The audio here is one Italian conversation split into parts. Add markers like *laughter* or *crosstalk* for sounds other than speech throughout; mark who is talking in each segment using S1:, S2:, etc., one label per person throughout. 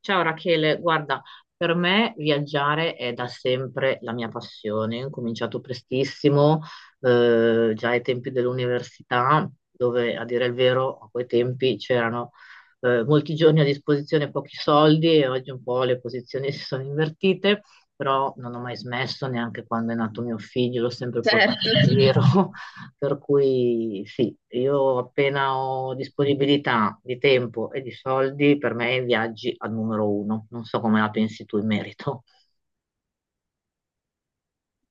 S1: Ciao Rachele, guarda, per me viaggiare è da sempre la mia passione. Ho cominciato prestissimo, già ai tempi dell'università, dove a dire il vero, a quei tempi c'erano molti giorni a disposizione, e pochi soldi e oggi un po' le posizioni *laughs* si sono invertite, però non ho mai smesso, neanche quando è nato mio figlio, l'ho sempre portato
S2: Certo.
S1: in giro. Per cui sì, io appena ho disponibilità di tempo e di soldi, per me i viaggi al numero uno. Non so come la pensi tu in merito. *laughs*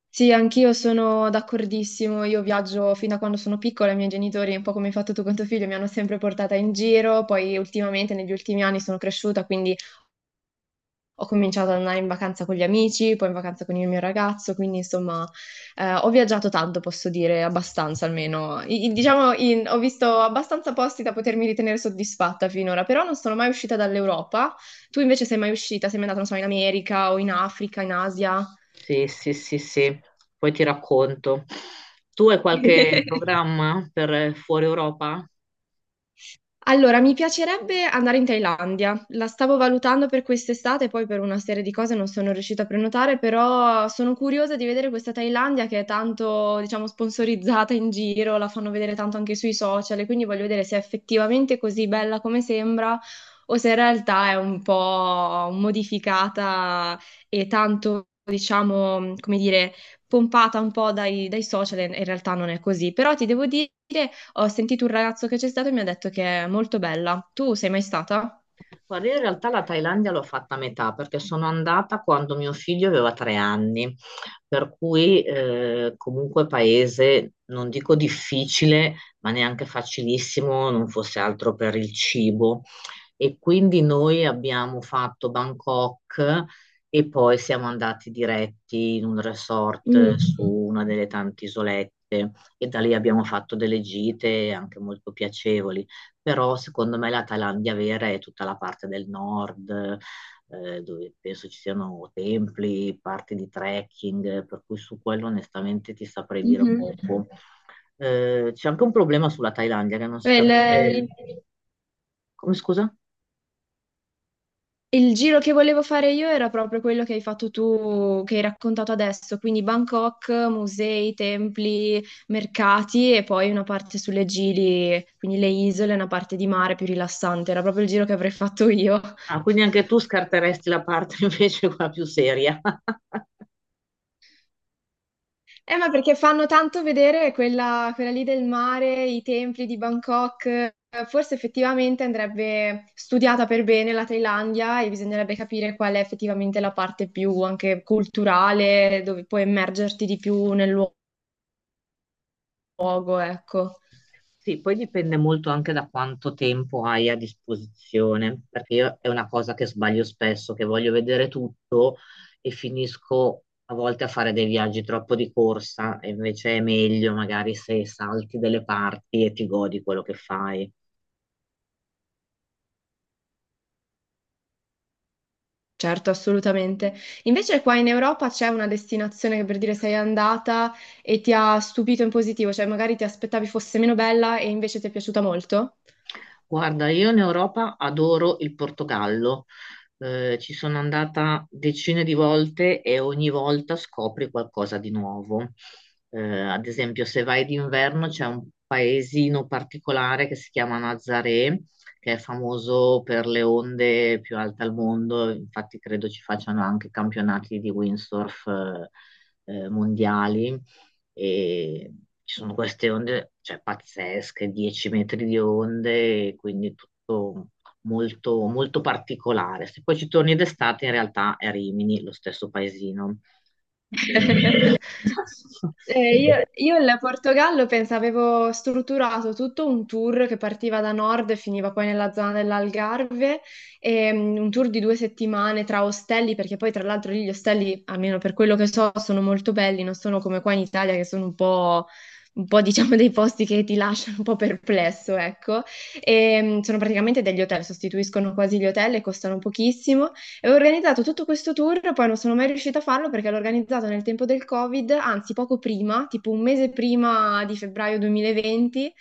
S2: Sì, anch'io sono d'accordissimo. Io viaggio fin da quando sono piccola, i miei genitori, un po' come hai fatto tu con tuo figlio, mi hanno sempre portata in giro. Poi ultimamente, negli ultimi anni, sono cresciuta, quindi ho cominciato ad andare in vacanza con gli amici, poi in vacanza con il mio ragazzo. Quindi, insomma, ho viaggiato tanto, posso dire, abbastanza almeno. Diciamo, ho visto abbastanza posti da potermi ritenere soddisfatta finora, però non sono mai uscita dall'Europa. Tu invece sei mai uscita? Sei mai andata, non so, in America o in Africa, in Asia?
S1: Sì, sì, sì, sì. Poi ti racconto. Tu hai qualche
S2: *laughs*
S1: programma per fuori Europa?
S2: Allora, mi piacerebbe andare in Thailandia. La stavo valutando per quest'estate, poi per una serie di cose non sono riuscita a prenotare, però sono curiosa di vedere questa Thailandia che è tanto, diciamo, sponsorizzata in giro, la fanno vedere tanto anche sui social, e quindi voglio vedere se è effettivamente così bella come sembra o se in realtà è un po' modificata e tanto, diciamo, come dire, pompata un po' dai social e in realtà non è così. Però ti devo dire, ho sentito un ragazzo che c'è stato e mi ha detto che è molto bella. Tu sei mai stata?
S1: Guarda, io in realtà la Thailandia l'ho fatta a metà perché sono andata quando mio figlio aveva 3 anni, per cui comunque paese, non dico difficile, ma neanche facilissimo, non fosse altro per il cibo. E quindi noi abbiamo fatto Bangkok e poi siamo andati diretti in un
S2: Mm.
S1: resort su una delle tante isolette e da lì abbiamo fatto delle gite anche molto piacevoli. Però secondo me la Thailandia vera è tutta la parte del nord, dove penso ci siano templi, parti di trekking, per cui su quello onestamente ti saprei dire
S2: Mhm.
S1: poco. C'è anche un problema sulla Thailandia che non si
S2: Beh, Il,
S1: capisce.
S2: il-
S1: Come scusa?
S2: il giro che volevo fare io era proprio quello che hai fatto tu, che hai raccontato adesso, quindi Bangkok, musei, templi, mercati e poi una parte sulle Gili, quindi le isole, una parte di mare più rilassante. Era proprio il giro che avrei fatto io.
S1: Ah, quindi anche tu scarteresti la parte *laughs* invece quella più seria.
S2: Ma perché fanno tanto vedere quella lì del mare, i templi di Bangkok. Forse effettivamente andrebbe studiata per bene la Thailandia e bisognerebbe capire qual è effettivamente la parte più anche culturale, dove puoi immergerti di più nel luogo, ecco.
S1: Sì, poi dipende molto anche da quanto tempo hai a disposizione, perché io è una cosa che sbaglio spesso, che voglio vedere tutto e finisco a volte a fare dei viaggi troppo di corsa, e invece è meglio magari se salti delle parti e ti godi quello che fai.
S2: Certo, assolutamente. Invece qua in Europa c'è una destinazione che per dire sei andata e ti ha stupito in positivo, cioè magari ti aspettavi fosse meno bella e invece ti è piaciuta molto?
S1: Guarda, io in Europa adoro il Portogallo. Ci sono andata decine di volte e ogni volta scopri qualcosa di nuovo. Ad esempio, se vai d'inverno c'è un paesino particolare che si chiama Nazaré, che è famoso per le onde più alte al mondo. Infatti, credo ci facciano anche campionati di windsurf, mondiali e ci sono queste onde, cioè pazzesche, 10 metri di onde, e quindi tutto molto, molto particolare. Se poi ci torni d'estate, in realtà è Rimini, lo stesso paesino.
S2: *laughs*
S1: *laughs*
S2: Io il Portogallo pensavo, avevo strutturato tutto un tour che partiva da nord e finiva poi nella zona dell'Algarve, e, un tour di due settimane tra ostelli, perché poi tra l'altro lì gli ostelli, almeno per quello che so, sono molto belli, non sono come qua in Italia che sono un po', *laughs* diciamo dei posti che ti lasciano un po' perplesso, ecco. E, sono praticamente degli hotel, sostituiscono quasi gli hotel e costano pochissimo. E ho organizzato tutto questo tour, poi non sono mai riuscita a farlo perché l'ho organizzato nel tempo del Covid, anzi poco prima, tipo un mese prima di febbraio 2020.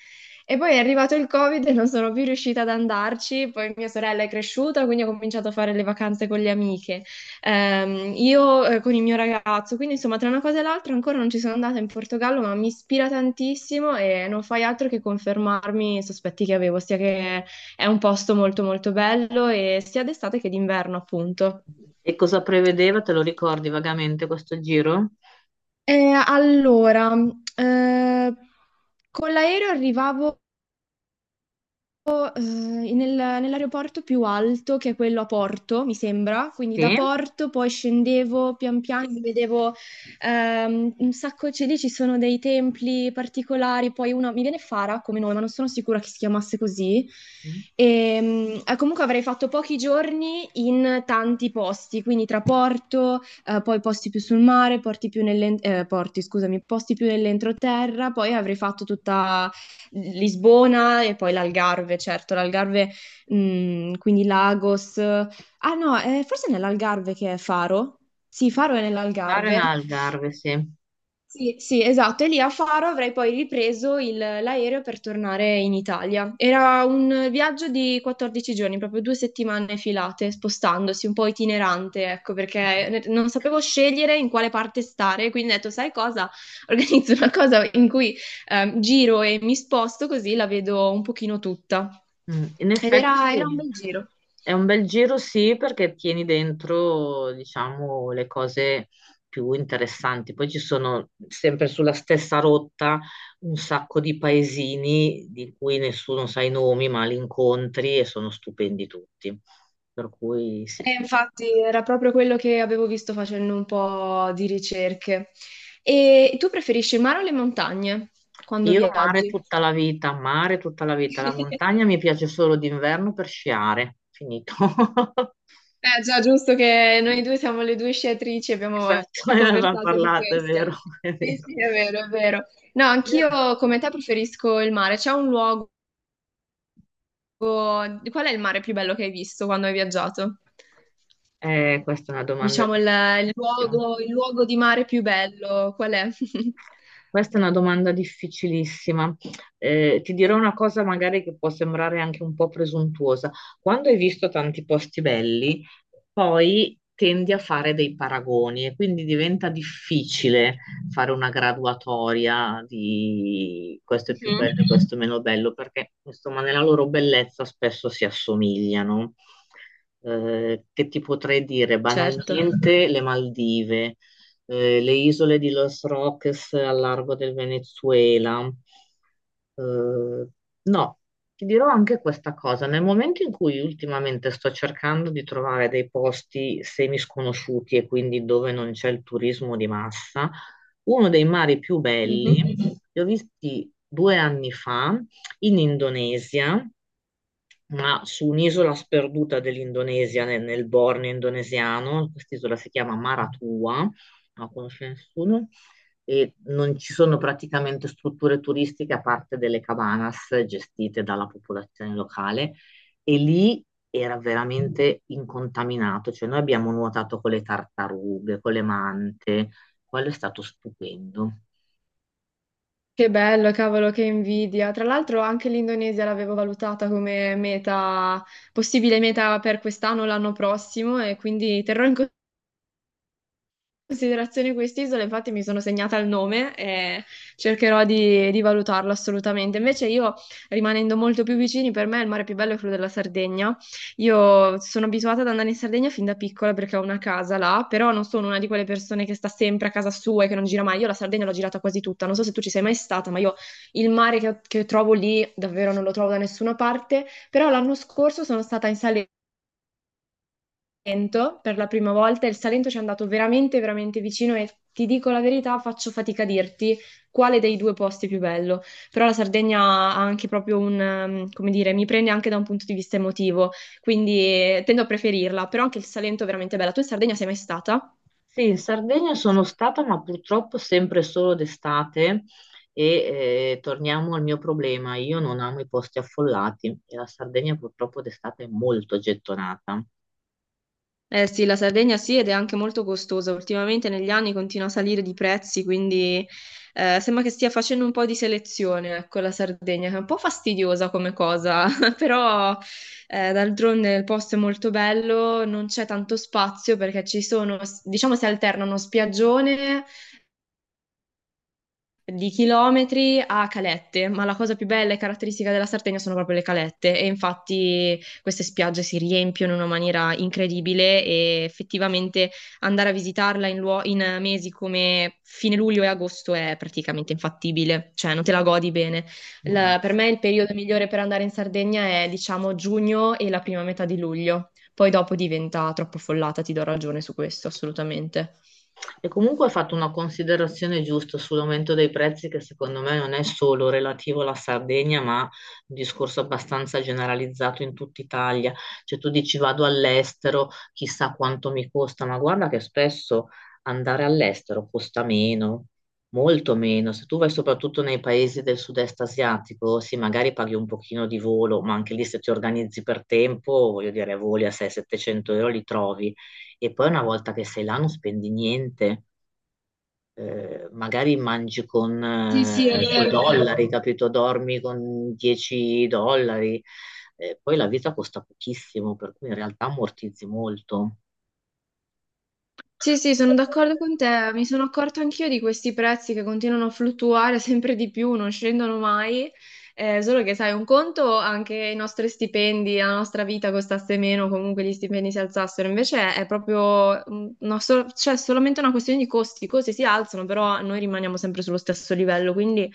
S2: E poi è arrivato il Covid e non sono più riuscita ad andarci, poi mia sorella è cresciuta, quindi ho cominciato a fare le vacanze con le amiche. Io con il mio ragazzo, quindi insomma tra una cosa e l'altra ancora non ci sono andata in Portogallo, ma mi ispira tantissimo e non fai altro che confermarmi i sospetti che avevo, sia che è un posto molto molto bello e sia d'estate che d'inverno, appunto.
S1: E cosa prevedeva? Te lo ricordi vagamente questo giro?
S2: Allora, eh, con l'aereo arrivavo volo nell'aeroporto più alto, che è quello a Porto, mi sembra. Quindi da
S1: Sì,
S2: Porto poi scendevo pian piano, mi vedevo un sacco, cioè lì ci sono dei templi particolari, poi uno, mi viene Fara come nome, ma non sono sicura che si chiamasse così. E, comunque avrei fatto pochi giorni in tanti posti, quindi tra Porto, poi posti più sul mare, porti, scusami, posti più nell'entroterra, poi avrei fatto tutta Lisbona e poi l'Algarve, certo, l'Algarve, quindi Lagos. Ah no, forse è nell'Algarve che è Faro. Sì, Faro è
S1: fare in
S2: nell'Algarve.
S1: Algarve, sì.
S2: Sì, sì, esatto. E lì a Faro avrei poi ripreso l'aereo per tornare in Italia. Era un viaggio di 14 giorni, proprio due settimane filate, spostandosi, un po' itinerante, ecco, perché non sapevo scegliere in quale parte stare, quindi ho detto, sai cosa? *laughs* Organizzo una cosa in cui giro e mi sposto così la vedo un pochino tutta.
S1: Mm. In
S2: Ed
S1: effetti.
S2: era era un bel giro.
S1: È un bel giro, sì, perché tieni dentro, diciamo, le cose più interessanti. Poi ci sono sempre sulla stessa rotta un sacco di paesini di cui nessuno sa i nomi, ma li incontri e sono stupendi tutti. Per cui sì.
S2: E infatti era proprio quello che avevo visto facendo un po' di ricerche. E tu preferisci il mare o le montagne quando
S1: Io mare
S2: viaggi?
S1: tutta la vita, mare tutta la vita. La
S2: *laughs*
S1: montagna mi piace solo d'inverno per sciare. Finito. *laughs*
S2: Eh già, giusto che noi due siamo le due sciatrici, abbiamo
S1: Esatto, ne avevamo
S2: conversato di
S1: parlato, è
S2: questo.
S1: vero, è
S2: Sì,
S1: vero.
S2: sì, è vero, è vero. No,
S1: Io
S2: anch'io come te preferisco il mare. C'è un luogo... Qual è il mare più bello che hai visto quando hai viaggiato?
S1: Questa è una domanda
S2: Diciamo il
S1: difficilissima.
S2: luogo, il luogo di mare più bello, qual è? *laughs*
S1: Questa è una domanda difficilissima. Ti dirò una cosa magari che può sembrare anche un po' presuntuosa. Quando hai visto tanti posti belli, poi tendi a fare dei paragoni e quindi diventa difficile fare una graduatoria di questo è più
S2: Mhm.
S1: bello e questo è meno bello, perché insomma nella loro bellezza spesso si assomigliano. Che ti potrei dire?
S2: Certo.
S1: Banalmente le Maldive. Le isole di Los Roques al largo del Venezuela. Eh, no, ti dirò anche questa cosa. Nel momento in cui ultimamente sto cercando di trovare dei posti semisconosciuti e quindi dove non c'è il turismo di massa, uno dei mari più
S2: Mhm.
S1: belli, li ho visti 2 anni fa in Indonesia ma su un'isola sperduta dell'Indonesia, nel Borneo indonesiano, quest'isola si chiama Maratua, non la conosce nessuno, e non ci sono praticamente strutture turistiche a parte delle cabanas gestite dalla popolazione locale, e lì era veramente incontaminato, cioè noi abbiamo nuotato con le tartarughe, con le mante, quello è stato stupendo.
S2: Che bello, cavolo, che invidia. Tra l'altro anche l'Indonesia l'avevo valutata come meta, possibile meta per quest'anno o l'anno prossimo e quindi terrò in considerazione quest'isola, infatti mi sono segnata il nome e cercherò di valutarlo assolutamente. Invece io, rimanendo molto più vicini, per me il mare più bello è quello della Sardegna. Io sono abituata ad andare in Sardegna fin da piccola perché ho una casa là, però non sono una di quelle persone che sta sempre a casa sua e che non gira mai. Io la Sardegna l'ho girata quasi tutta, non so se tu ci sei mai stata, ma io il mare che trovo lì davvero non lo trovo da nessuna parte. Però l'anno scorso sono stata in Salerno. Salento per la prima volta e il Salento ci è andato veramente, veramente vicino e ti dico la verità, faccio fatica a dirti quale dei due posti è più bello, però la Sardegna ha anche proprio un, come dire, mi prende anche da un punto di vista emotivo, quindi tendo a preferirla, però anche il Salento è veramente bella. Tu in Sardegna sei mai stata?
S1: Sì, in Sardegna sono stata, ma purtroppo sempre solo d'estate e torniamo al mio problema. Io non amo i posti affollati e la Sardegna purtroppo d'estate è molto gettonata.
S2: Eh sì, la Sardegna sì, ed è anche molto costosa. Ultimamente negli anni continua a salire di prezzi, quindi sembra che stia facendo un po' di selezione, ecco, la Sardegna, che è un po' fastidiosa come cosa, *laughs* però d'altronde il posto è molto bello, non c'è tanto spazio perché ci sono, diciamo, si alternano spiaggione di chilometri a calette, ma la cosa più bella e caratteristica della Sardegna sono proprio le calette e infatti queste spiagge si riempiono in una maniera incredibile e effettivamente andare a visitarla in mesi come fine luglio e agosto è praticamente infattibile, cioè non te la godi bene.
S1: Mm. Mm.
S2: Per me il periodo migliore per andare in Sardegna è diciamo giugno e la prima metà di luglio, poi dopo diventa troppo affollata, ti do ragione su questo, assolutamente.
S1: E comunque hai fatto una considerazione giusta sull'aumento dei prezzi che secondo me non è solo relativo alla Sardegna, ma un discorso abbastanza generalizzato in tutta Italia. Cioè tu dici vado all'estero, chissà quanto mi costa, ma guarda che spesso andare all'estero costa meno, molto meno. Se tu vai soprattutto nei paesi del sud-est asiatico, sì, magari paghi un pochino di volo, ma anche lì se ti organizzi per tempo, voglio dire, voli a 600-700 euro li trovi. E poi una volta che sei là non spendi niente magari mangi con
S2: Sì, sì, è
S1: coi
S2: vero.
S1: dollari, capito? Dormi con 10 dollari. Poi la vita costa pochissimo, per cui in realtà ammortizzi molto.
S2: Sì, sì, sono d'accordo con te. Mi sono accorta anch'io di questi prezzi che continuano a fluttuare *laughs* sempre di più, non scendono mai. Solo che, sai, un conto anche i nostri stipendi, la nostra vita costasse meno, comunque gli stipendi si alzassero. Invece è proprio, mm, no, so- cioè, solamente una questione di costi. I costi si alzano, però noi rimaniamo sempre sullo stesso livello. Quindi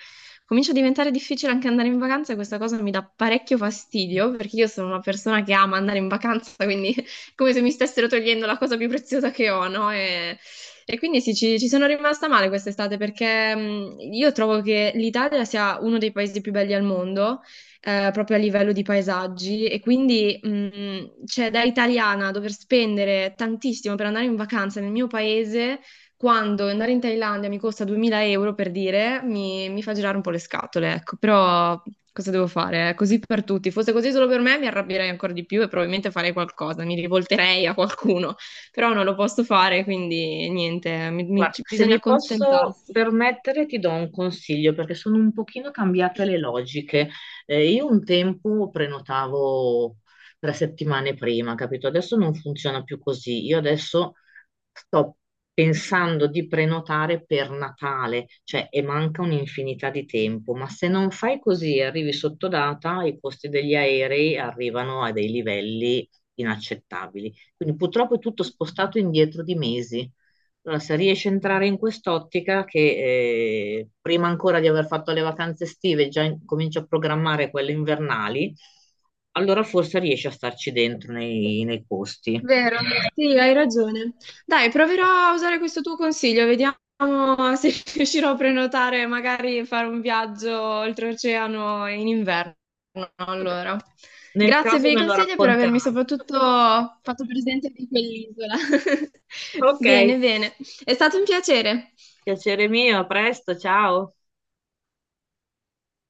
S2: comincia a diventare difficile anche andare in vacanza e questa cosa mi dà parecchio fastidio perché io sono una persona che ama andare in vacanza, quindi come se mi stessero togliendo la cosa più preziosa che ho, no? E quindi sì, ci sono rimasta male quest'estate perché io trovo che l'Italia sia uno dei paesi più belli al mondo, proprio a livello di paesaggi, e quindi cioè, da italiana dover spendere tantissimo per andare in vacanza nel mio paese quando andare in Thailandia mi costa 2000 € per dire, mi fa girare un po' le scatole, ecco, però cosa devo fare? È così per tutti, fosse così solo per me mi arrabbierei ancora di più e probabilmente farei qualcosa, mi rivolterei a qualcuno, però non lo posso fare, quindi niente,
S1: Guarda, se
S2: bisogna
S1: mi posso
S2: accontentarsi.
S1: permettere, ti do un consiglio perché sono un pochino cambiate le logiche. Io un tempo prenotavo 3 settimane prima, capito? Adesso non funziona più così. Io adesso sto pensando di prenotare per Natale, cioè e manca un'infinità di tempo, ma se non fai così e arrivi sotto data, i costi degli aerei arrivano a dei livelli inaccettabili. Quindi purtroppo è tutto spostato indietro di mesi. Allora, se riesci a entrare in quest'ottica che prima ancora di aver fatto le vacanze estive cominci a programmare quelle invernali, allora forse riesci a starci dentro nei, nei costi.
S2: Vero, sì, hai ragione. Dai, proverò a usare questo tuo consiglio, vediamo se *laughs* riuscirò a prenotare, magari fare un viaggio oltreoceano in inverno.
S1: Vabbè,
S2: Allora,
S1: nel
S2: grazie
S1: caso
S2: per i
S1: me lo
S2: consigli e per avermi
S1: racconterai.
S2: soprattutto fatto presente di quell'isola. *laughs*
S1: Ok,
S2: Bene, bene, è stato un piacere.
S1: piacere mio, a presto, ciao.